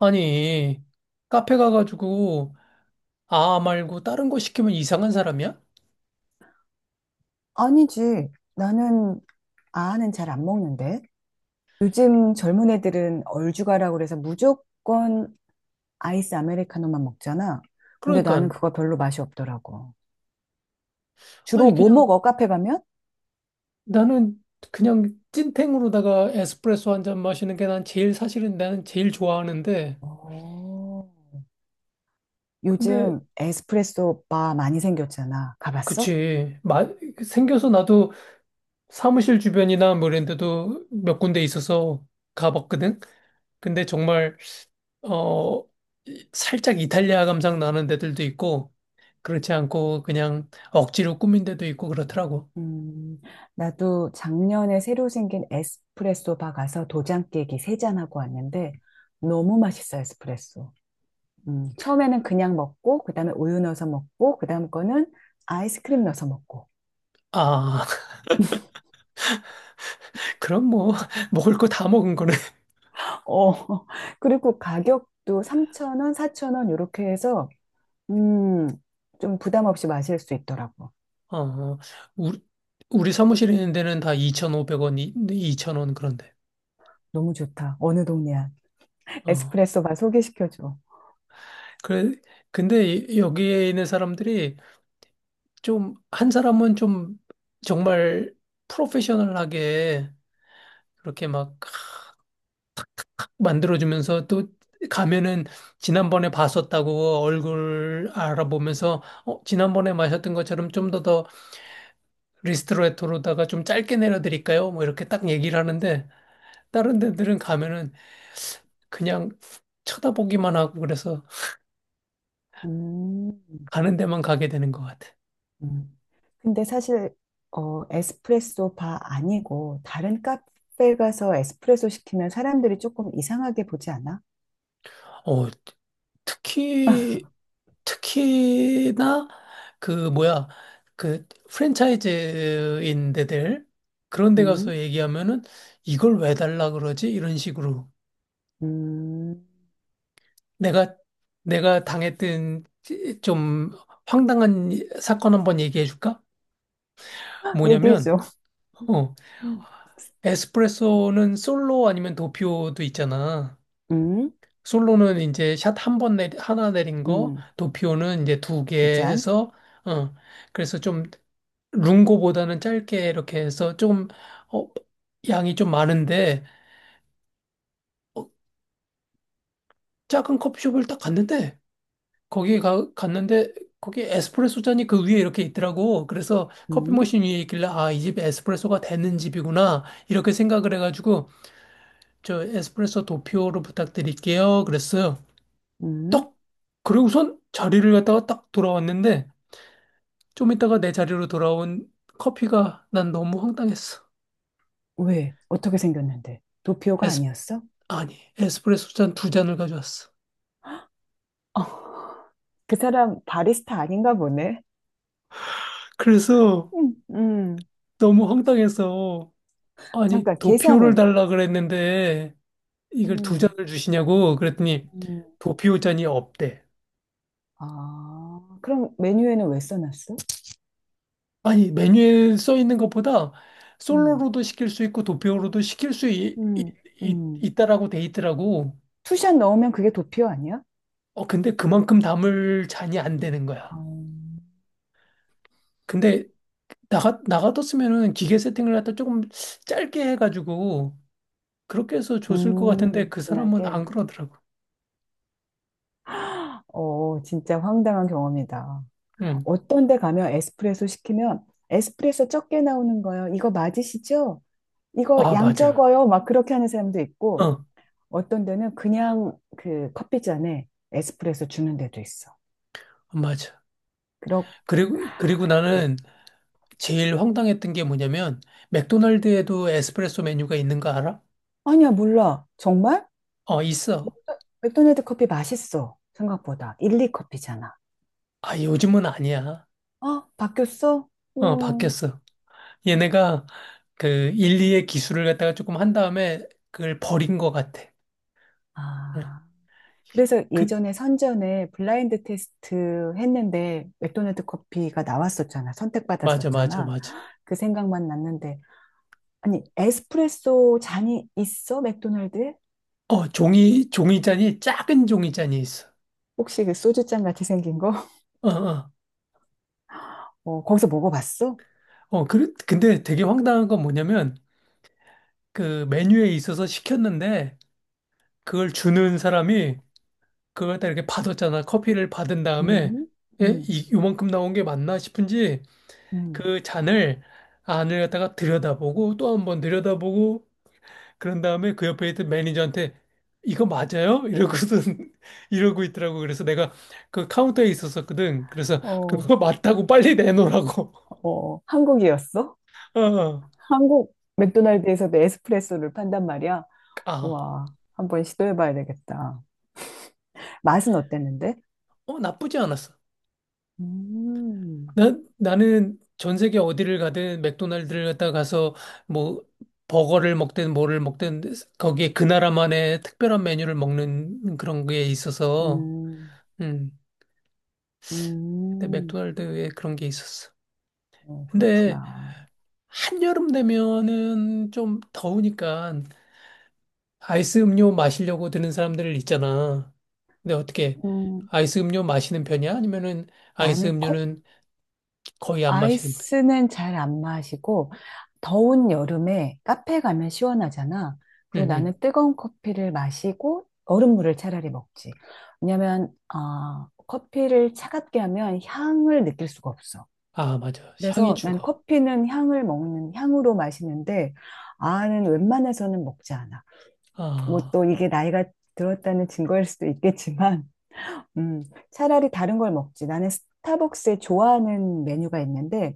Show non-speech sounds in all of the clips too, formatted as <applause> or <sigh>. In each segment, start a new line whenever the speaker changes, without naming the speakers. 아니, 카페 가가지고 아 말고 다른 거 시키면 이상한 사람이야?
아니지. 나는 아아는 잘 안 먹는데. 요즘 젊은 애들은 얼죽아라고 그래서 무조건 아이스 아메리카노만 먹잖아. 근데 나는
그러니까
그거 별로 맛이 없더라고. 주로
아니
뭐
그냥
먹어? 카페 가면?
나는 그냥 찐탱으로다가 에스프레소 한잔 마시는 게 난 제일 사실은 나는 제일 좋아하는데.
오.
근데
요즘 에스프레소 바 많이 생겼잖아. 가봤어?
그치 마, 생겨서 나도 사무실 주변이나 뭐 이런 데도 몇 군데 있어서 가봤거든? 근데 정말 어 살짝 이탈리아 감상 나는 데들도 있고 그렇지 않고 그냥 억지로 꾸민 데도 있고 그렇더라고.
음, 나도 작년에 새로 생긴 에스프레소 바 가서 도장 깨기 세잔 하고 왔는데 너무 맛있어, 에스프레소. 처음에는 그냥 먹고, 그 다음에 우유 넣어서 먹고, 그 다음 거는 아이스크림 넣어서 먹고.
아, <laughs> 그럼 뭐, <laughs> 먹을 거 다 먹은 거네.
어, <laughs> 그리고 가격도 3,000원, 4,000원, 이렇게 해서, 음, 좀 부담 없이 마실 수 있더라고.
어, 우리, 우리 사무실에 있는 데는 다 2,500원, 2,000원 그런데.
너무 좋다. 어느 동네야.
어,
에스프레소 바 소개시켜줘.
그래, 근데 여기에 있는 사람들이 좀, 한 사람은 좀 정말 프로페셔널하게 그렇게 막 만들어주면서 또 가면은 지난번에 봤었다고 얼굴 알아보면서, 지난번에 마셨던 것처럼 좀 더 리스트레토로다가 좀 짧게 내려드릴까요? 뭐 이렇게 딱 얘기를 하는데, 다른 데들은 가면은 그냥 쳐다보기만 하고. 그래서
음,
가는 데만 가게 되는 것 같아.
음. 근데 사실, 어, 에스프레소 바 아니고, 다른 카페 가서 에스프레소 시키면 사람들이 조금 이상하게 보지 않아?
어, 특히, 특히나 그 뭐야, 그 프랜차이즈인 데들, 그런 데 가서
음,
얘기하면은 이걸 왜 달라 그러지? 이런 식으로.
음,
내가 내가 당했던 좀 황당한 사건 한번 얘기해 줄까?
<laughs>
뭐냐면
얘기해줘.
어, 에스프레소는 솔로 아니면 도피오도 있잖아.
음,
솔로는 이제 샷 한 번 내 하나 내린 거,
음,
도피오는 이제 두개
두 잔.
해서, 어, 그래서 좀 룽고보다는 짧게 이렇게 해서 좀, 어, 양이 좀 많은데, 어, 작은 커피숍을 딱 갔는데, 거기에 갔는데, 거기 에스프레소 잔이 그 위에 이렇게 있더라고. 그래서 커피
음,
머신 위에 있길래, 아, 이 집에 에스프레소가 되는 집이구나. 이렇게 생각을 해가지고, 저 에스프레소 도피오로 부탁드릴게요. 그랬어요.
음.
딱! 그리고선 자리를 갖다가 딱 돌아왔는데, 좀 이따가 내 자리로 돌아온 커피가 난 너무 황당했어.
왜? 어떻게 생겼는데? 도피오가
에스,
아니었어?
아니, 에스프레소 잔 두 잔을 가져왔어.
어, 그 사람 바리스타 아닌가 보네.
그래서
음, 음.
너무 황당해서, 아니,
잠깐,
도피오를
계산은?
달라 그랬는데 이걸 두
음,
잔을 주시냐고 그랬더니
음.
도피오 잔이 없대.
아, 그럼 메뉴에는 왜 써놨어?
아니, 메뉴에 써 있는 것보다
음,
솔로로도 시킬 수 있고 도피오로도 시킬 수
음, 음.
있다라고 돼 있더라고.
투샷 넣으면 그게 도피오 아니야?
어, 근데 그만큼 담을 잔이 안 되는 거야.
아,
근데 나가뒀으면은 기계 세팅을 갖다 조금 짧게 해가지고 그렇게 해서 줬을 것 같은데, 그 사람은
진하게.
안 그러더라고.
어, 진짜 황당한 경험이다.
응.
어떤 데 가면 에스프레소 시키면 에스프레소 적게 나오는 거요. 이거 맞으시죠? 이거
아,
양
맞아.
적어요. 막 그렇게 하는 사람도 있고
어,
어떤 데는 그냥 그 커피잔에 에스프레소 주는 데도 있어.
맞아.
그렇 아,
그리고
예.
나는 제일 황당했던 게 뭐냐면, 맥도날드에도 에스프레소 메뉴가 있는 거 알아?
아니야, 몰라. 정말?
어, 있어.
맥도날드 커피 맛있어. 생각보다. 일리 커피잖아.
아, 요즘은 아니야.
어, 바뀌었어?
어,
음.
바뀌었어. 얘네가 그 일리의 기술을 갖다가 조금 한 다음에 그걸 버린 것 같아. 응.
아. 그래서
그
예전에 선전에 블라인드 테스트 했는데 맥도날드 커피가 나왔었잖아.
맞아, 맞아,
선택받았었잖아.
맞아.
그 생각만 났는데. 아니, 에스프레소 잔이 있어? 맥도날드에?
어, 종이잔이, 작은 종이잔이 있어.
혹시 그 소주잔 같이 생긴 거? <laughs>
어, 어.
어, 거기서 먹어봤어?
어, 근데 되게 황당한 건 뭐냐면, 그 메뉴에 있어서 시켰는데, 그걸 주는 사람이 그걸 다 이렇게 받았잖아. 커피를 받은 다음에,
음, 음,
요만큼 나온 게 맞나 싶은지,
음.
그 잔을 안을 갖다가 들여다보고, 또 한 번 들여다보고, 그런 다음에 그 옆에 있던 매니저한테, 이거 맞아요? 이러고선, <laughs> 이러고 있더라고. 그래서 내가 그 카운터에 있었었거든. 그래서
어,
그거 맞다고 빨리 내놓으라고.
어, 어. 한국이었어?
어,
한국 맥도날드에서도 에스프레소를 판단 말이야.
아,
와, 한번 시도해봐야 되겠다. 맛은 어땠는데?
나쁘지 않았어.
음,
나는 전 세계 어디를 가든 맥도날드를 갔다 가서 뭐 버거를 먹든 뭐를 먹든 거기에 그 나라만의 특별한 메뉴를 먹는 그런 게 있어서,
음.
음, 근데
음,
맥도날드에 그런 게 있었어.
어,
근데
그렇구나.
한여름 되면은 좀 더우니까 아이스 음료 마시려고 드는 사람들 있잖아. 근데 어떻게,
음,
아이스 음료 마시는 편이야? 아니면은 아이스
나는 컵,
음료는 거의 안 마시는 편?
아이스는 잘 안 마시고, 더운 여름에 카페 가면 시원하잖아. 그리고
응,
나는 뜨거운 커피를 마시고, 얼음물을 차라리 먹지. 왜냐면, 아, 커피를 차갑게 하면 향을 느낄 수가 없어.
아, 맞아. 향이
그래서 난
죽어.
커피는 향을 먹는, 향으로 마시는데, 아는 웬만해서는 먹지 않아. 뭐
아,
또 이게 나이가 들었다는 증거일 수도 있겠지만, 음, 차라리 다른 걸 먹지. 나는 스타벅스에 좋아하는 메뉴가 있는데,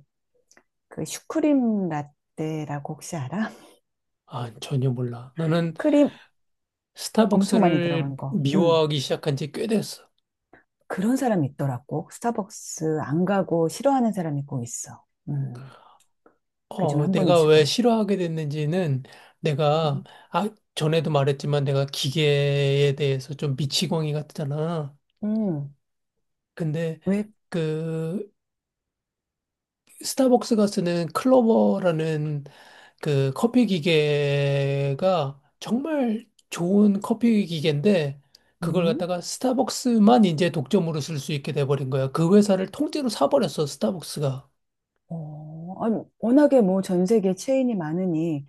그 슈크림 라떼라고 혹시 알아? <laughs>
아, 전혀 몰라. 나는
크림 엄청 많이
스타벅스를
들어간 거.
미워하기 시작한 지 꽤 됐어.
그런 사람이 있더라고. 스타벅스 안 가고 싫어하는 사람이 꼭 있어. 음, 그중 한
내가 왜
분이시군.
싫어하게 됐는지는, 내가,
음,
아, 전에도 말했지만 내가 기계에 대해서 좀 미치광이 같잖아.
음,
근데
왜,
그 스타벅스가 쓰는 클로버라는 그 커피 기계가 정말 좋은 커피 기계인데 그걸
음?
갖다가 스타벅스만 이제 독점으로 쓸 수 있게 돼버린 거야. 그 회사를 통째로 사버렸어, 스타벅스가.
어, 아니, 워낙에 뭐 전 세계 체인이 많으니,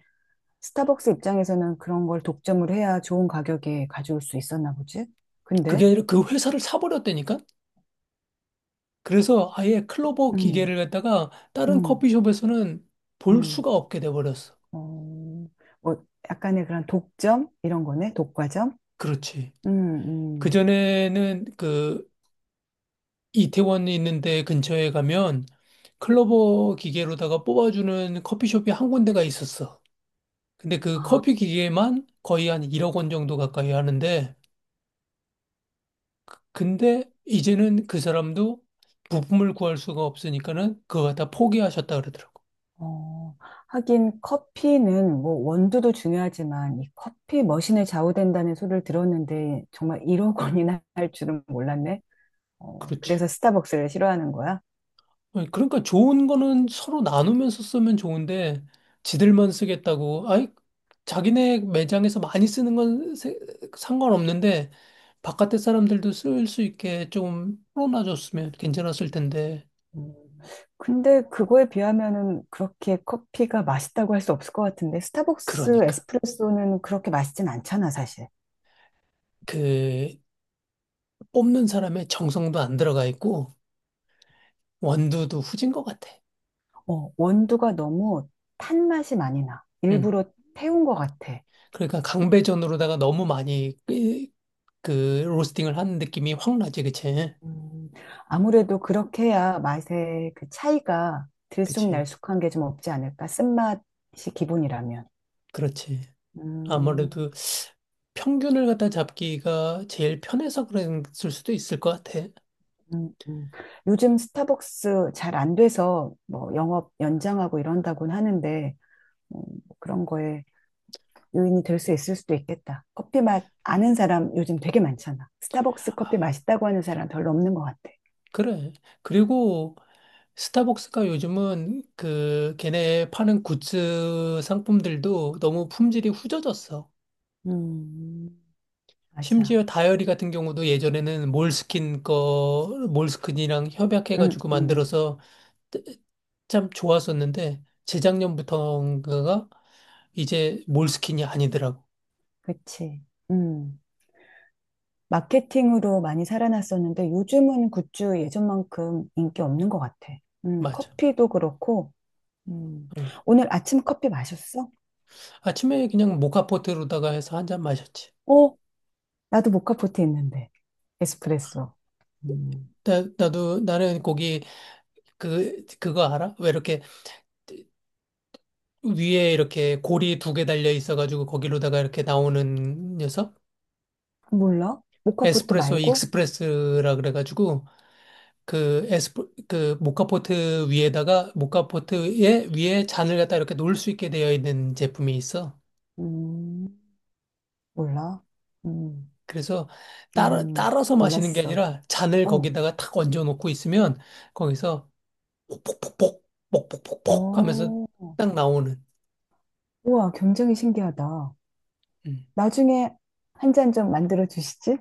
스타벅스 입장에서는 그런 걸 독점을 해야 좋은 가격에 가져올 수 있었나 보지?
그게
근데,
아니라 그 회사를 사버렸다니까? 그래서 아예 클로버
음,
기계를 갖다가 다른
음.
커피숍에서는 볼
음.
수가 없게 돼버렸어.
어, 뭐 약간의 그런 독점 이런 거네. 독과점.
그렇지.
음, 음.
그전에는 그 이태원에 있는데 근처에 가면 클로버 기계로다가 뽑아주는 커피숍이 한 군데가 있었어. 근데 그
아,
커피 기계만 거의 한 1억 원 정도 가까이 하는데, 근데 이제는 그 사람도 부품을 구할 수가 없으니까는 그거 다 포기하셨다 그러더라고.
어, 하긴 커피는 뭐 원두도 중요하지만 이 커피 머신에 좌우된다는 소리를 들었는데 정말 1억 원이나 <laughs> 할 줄은 몰랐네. 어,
그렇지.
그래서 스타벅스를 싫어하는 거야?
아니, 그러니까 좋은 거는 서로 나누면서 쓰면 좋은데 지들만 쓰겠다고. 아이, 자기네 매장에서 많이 쓰는 건 상관없는데 바깥에 사람들도 쓸 수 있게 좀 풀어놔줬으면 괜찮았을 텐데.
음, 근데 그거에 비하면은 그렇게 커피가 맛있다고 할 수 없을 것 같은데 스타벅스
그러니까
에스프레소는 그렇게 맛있진 않잖아 사실.
그 뽑는 사람의 정성도 안 들어가 있고 원두도 후진 것 같아.
어, 원두가 너무 탄 맛이 많이 나.
음.
일부러 태운 것 같아.
그러니까 강배전으로다가 너무 많이 그 로스팅을 하는 느낌이 확 나지, 그치?
음, 아무래도 그렇게 해야 맛의 그 차이가
그치?
들쑥날쑥한 게 좀 없지 않을까? 쓴맛이 기본이라면.
그렇지.
음,
아무래도 평균을 갖다 잡기가 제일 편해서 그랬을 수도 있을 것 같아.
음, 음. 요즘 스타벅스 잘 안 돼서 뭐 영업 연장하고 이런다곤 하는데 음, 그런 거에 요인이 될 수 있을 수도 있겠다. 커피 맛 아는 사람 요즘 되게 많잖아. 스타벅스
아,
커피 맛있다고 하는 사람 별로 없는 것 같아.
그래. 그리고 스타벅스가 요즘은 그 걔네 파는 굿즈 상품들도 너무 품질이 후져졌어.
음, 맞아.
심지어 다이어리 같은 경우도 예전에는 몰스킨 거, 몰스킨이랑
음,
협약해가지고
음.
만들어서 참 좋았었는데 재작년부터인가가 이제 몰스킨이 아니더라고.
그치. 음. 마케팅으로 많이 살아났었는데 요즘은 굿즈 예전만큼 인기 없는 것 같아.
맞아.
커피도 그렇고. 음.
어.
오늘 아침 커피 마셨어?
아침에 그냥 모카포트로다가 해서 한 잔 마셨지.
어, 나도 모카포트 있는데. 에스프레소. 음,
나도. 나는 거기 그거 알아? 왜 이렇게 위에 이렇게 고리 두 개 달려 있어가지고 거기로다가 이렇게 나오는 녀석?
몰라? 모카포트
에스프레소
말고?
익스프레스라 그래가지고 그 에스프 그 모카포트 위에다가, 모카포트에 위에 잔을 갖다 이렇게 놓을 수 있게 되어 있는 제품이 있어.
음. 몰라. 음.
그래서 따라서 마시는 게
몰랐어.
아니라 잔을
어,
거기다가 탁 얹어 놓고 있으면 거기서 폭폭폭폭, 폭폭폭폭 하면서
어,
딱 나오는.
우와, 굉장히 신기하다.
음.
나중에 한 잔 좀 만들어 주시지?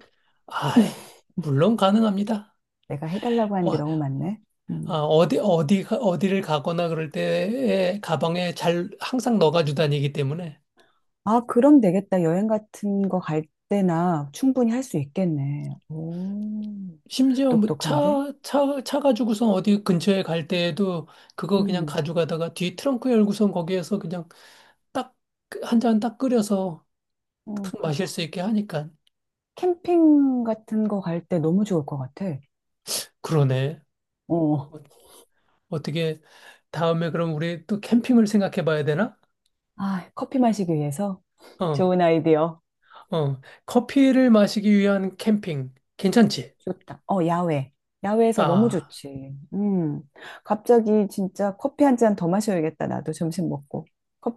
아, 예. 물론 가능합니다.
내가 해달라고 하는 게
어,
너무 많네.
아,
음,
어디를 가거나 그럴 때 가방에 잘 항상 넣어가지고 다니기 때문에.
아, 그럼 되겠다. 여행 같은 거 갈 때나 충분히 할 수 있겠네. 오,
심지어 뭐
똑똑한데?
차 가지고선 어디 근처에 갈 때에도 그거 그냥
음,
가져가다가 뒤 트렁크 열고선 거기에서 그냥 딱, 한잔 딱 끓여서
어,
탁 마실 수 있게 하니까.
캠핑 같은 거 갈 때 너무 좋을 것 같아.
그러네.
어,
어, 어떻게 다음에 그럼 우리 또 캠핑을 생각해 봐야 되나?
아, 커피 마시기 위해서
어,
좋은 아이디어.
어. 커피를 마시기 위한 캠핑. 괜찮지?
좋다. 어, 야외. 야외에서 너무
아.
좋지. 음. 갑자기 진짜 커피 한 잔 더 마셔야겠다. 나도 점심 먹고.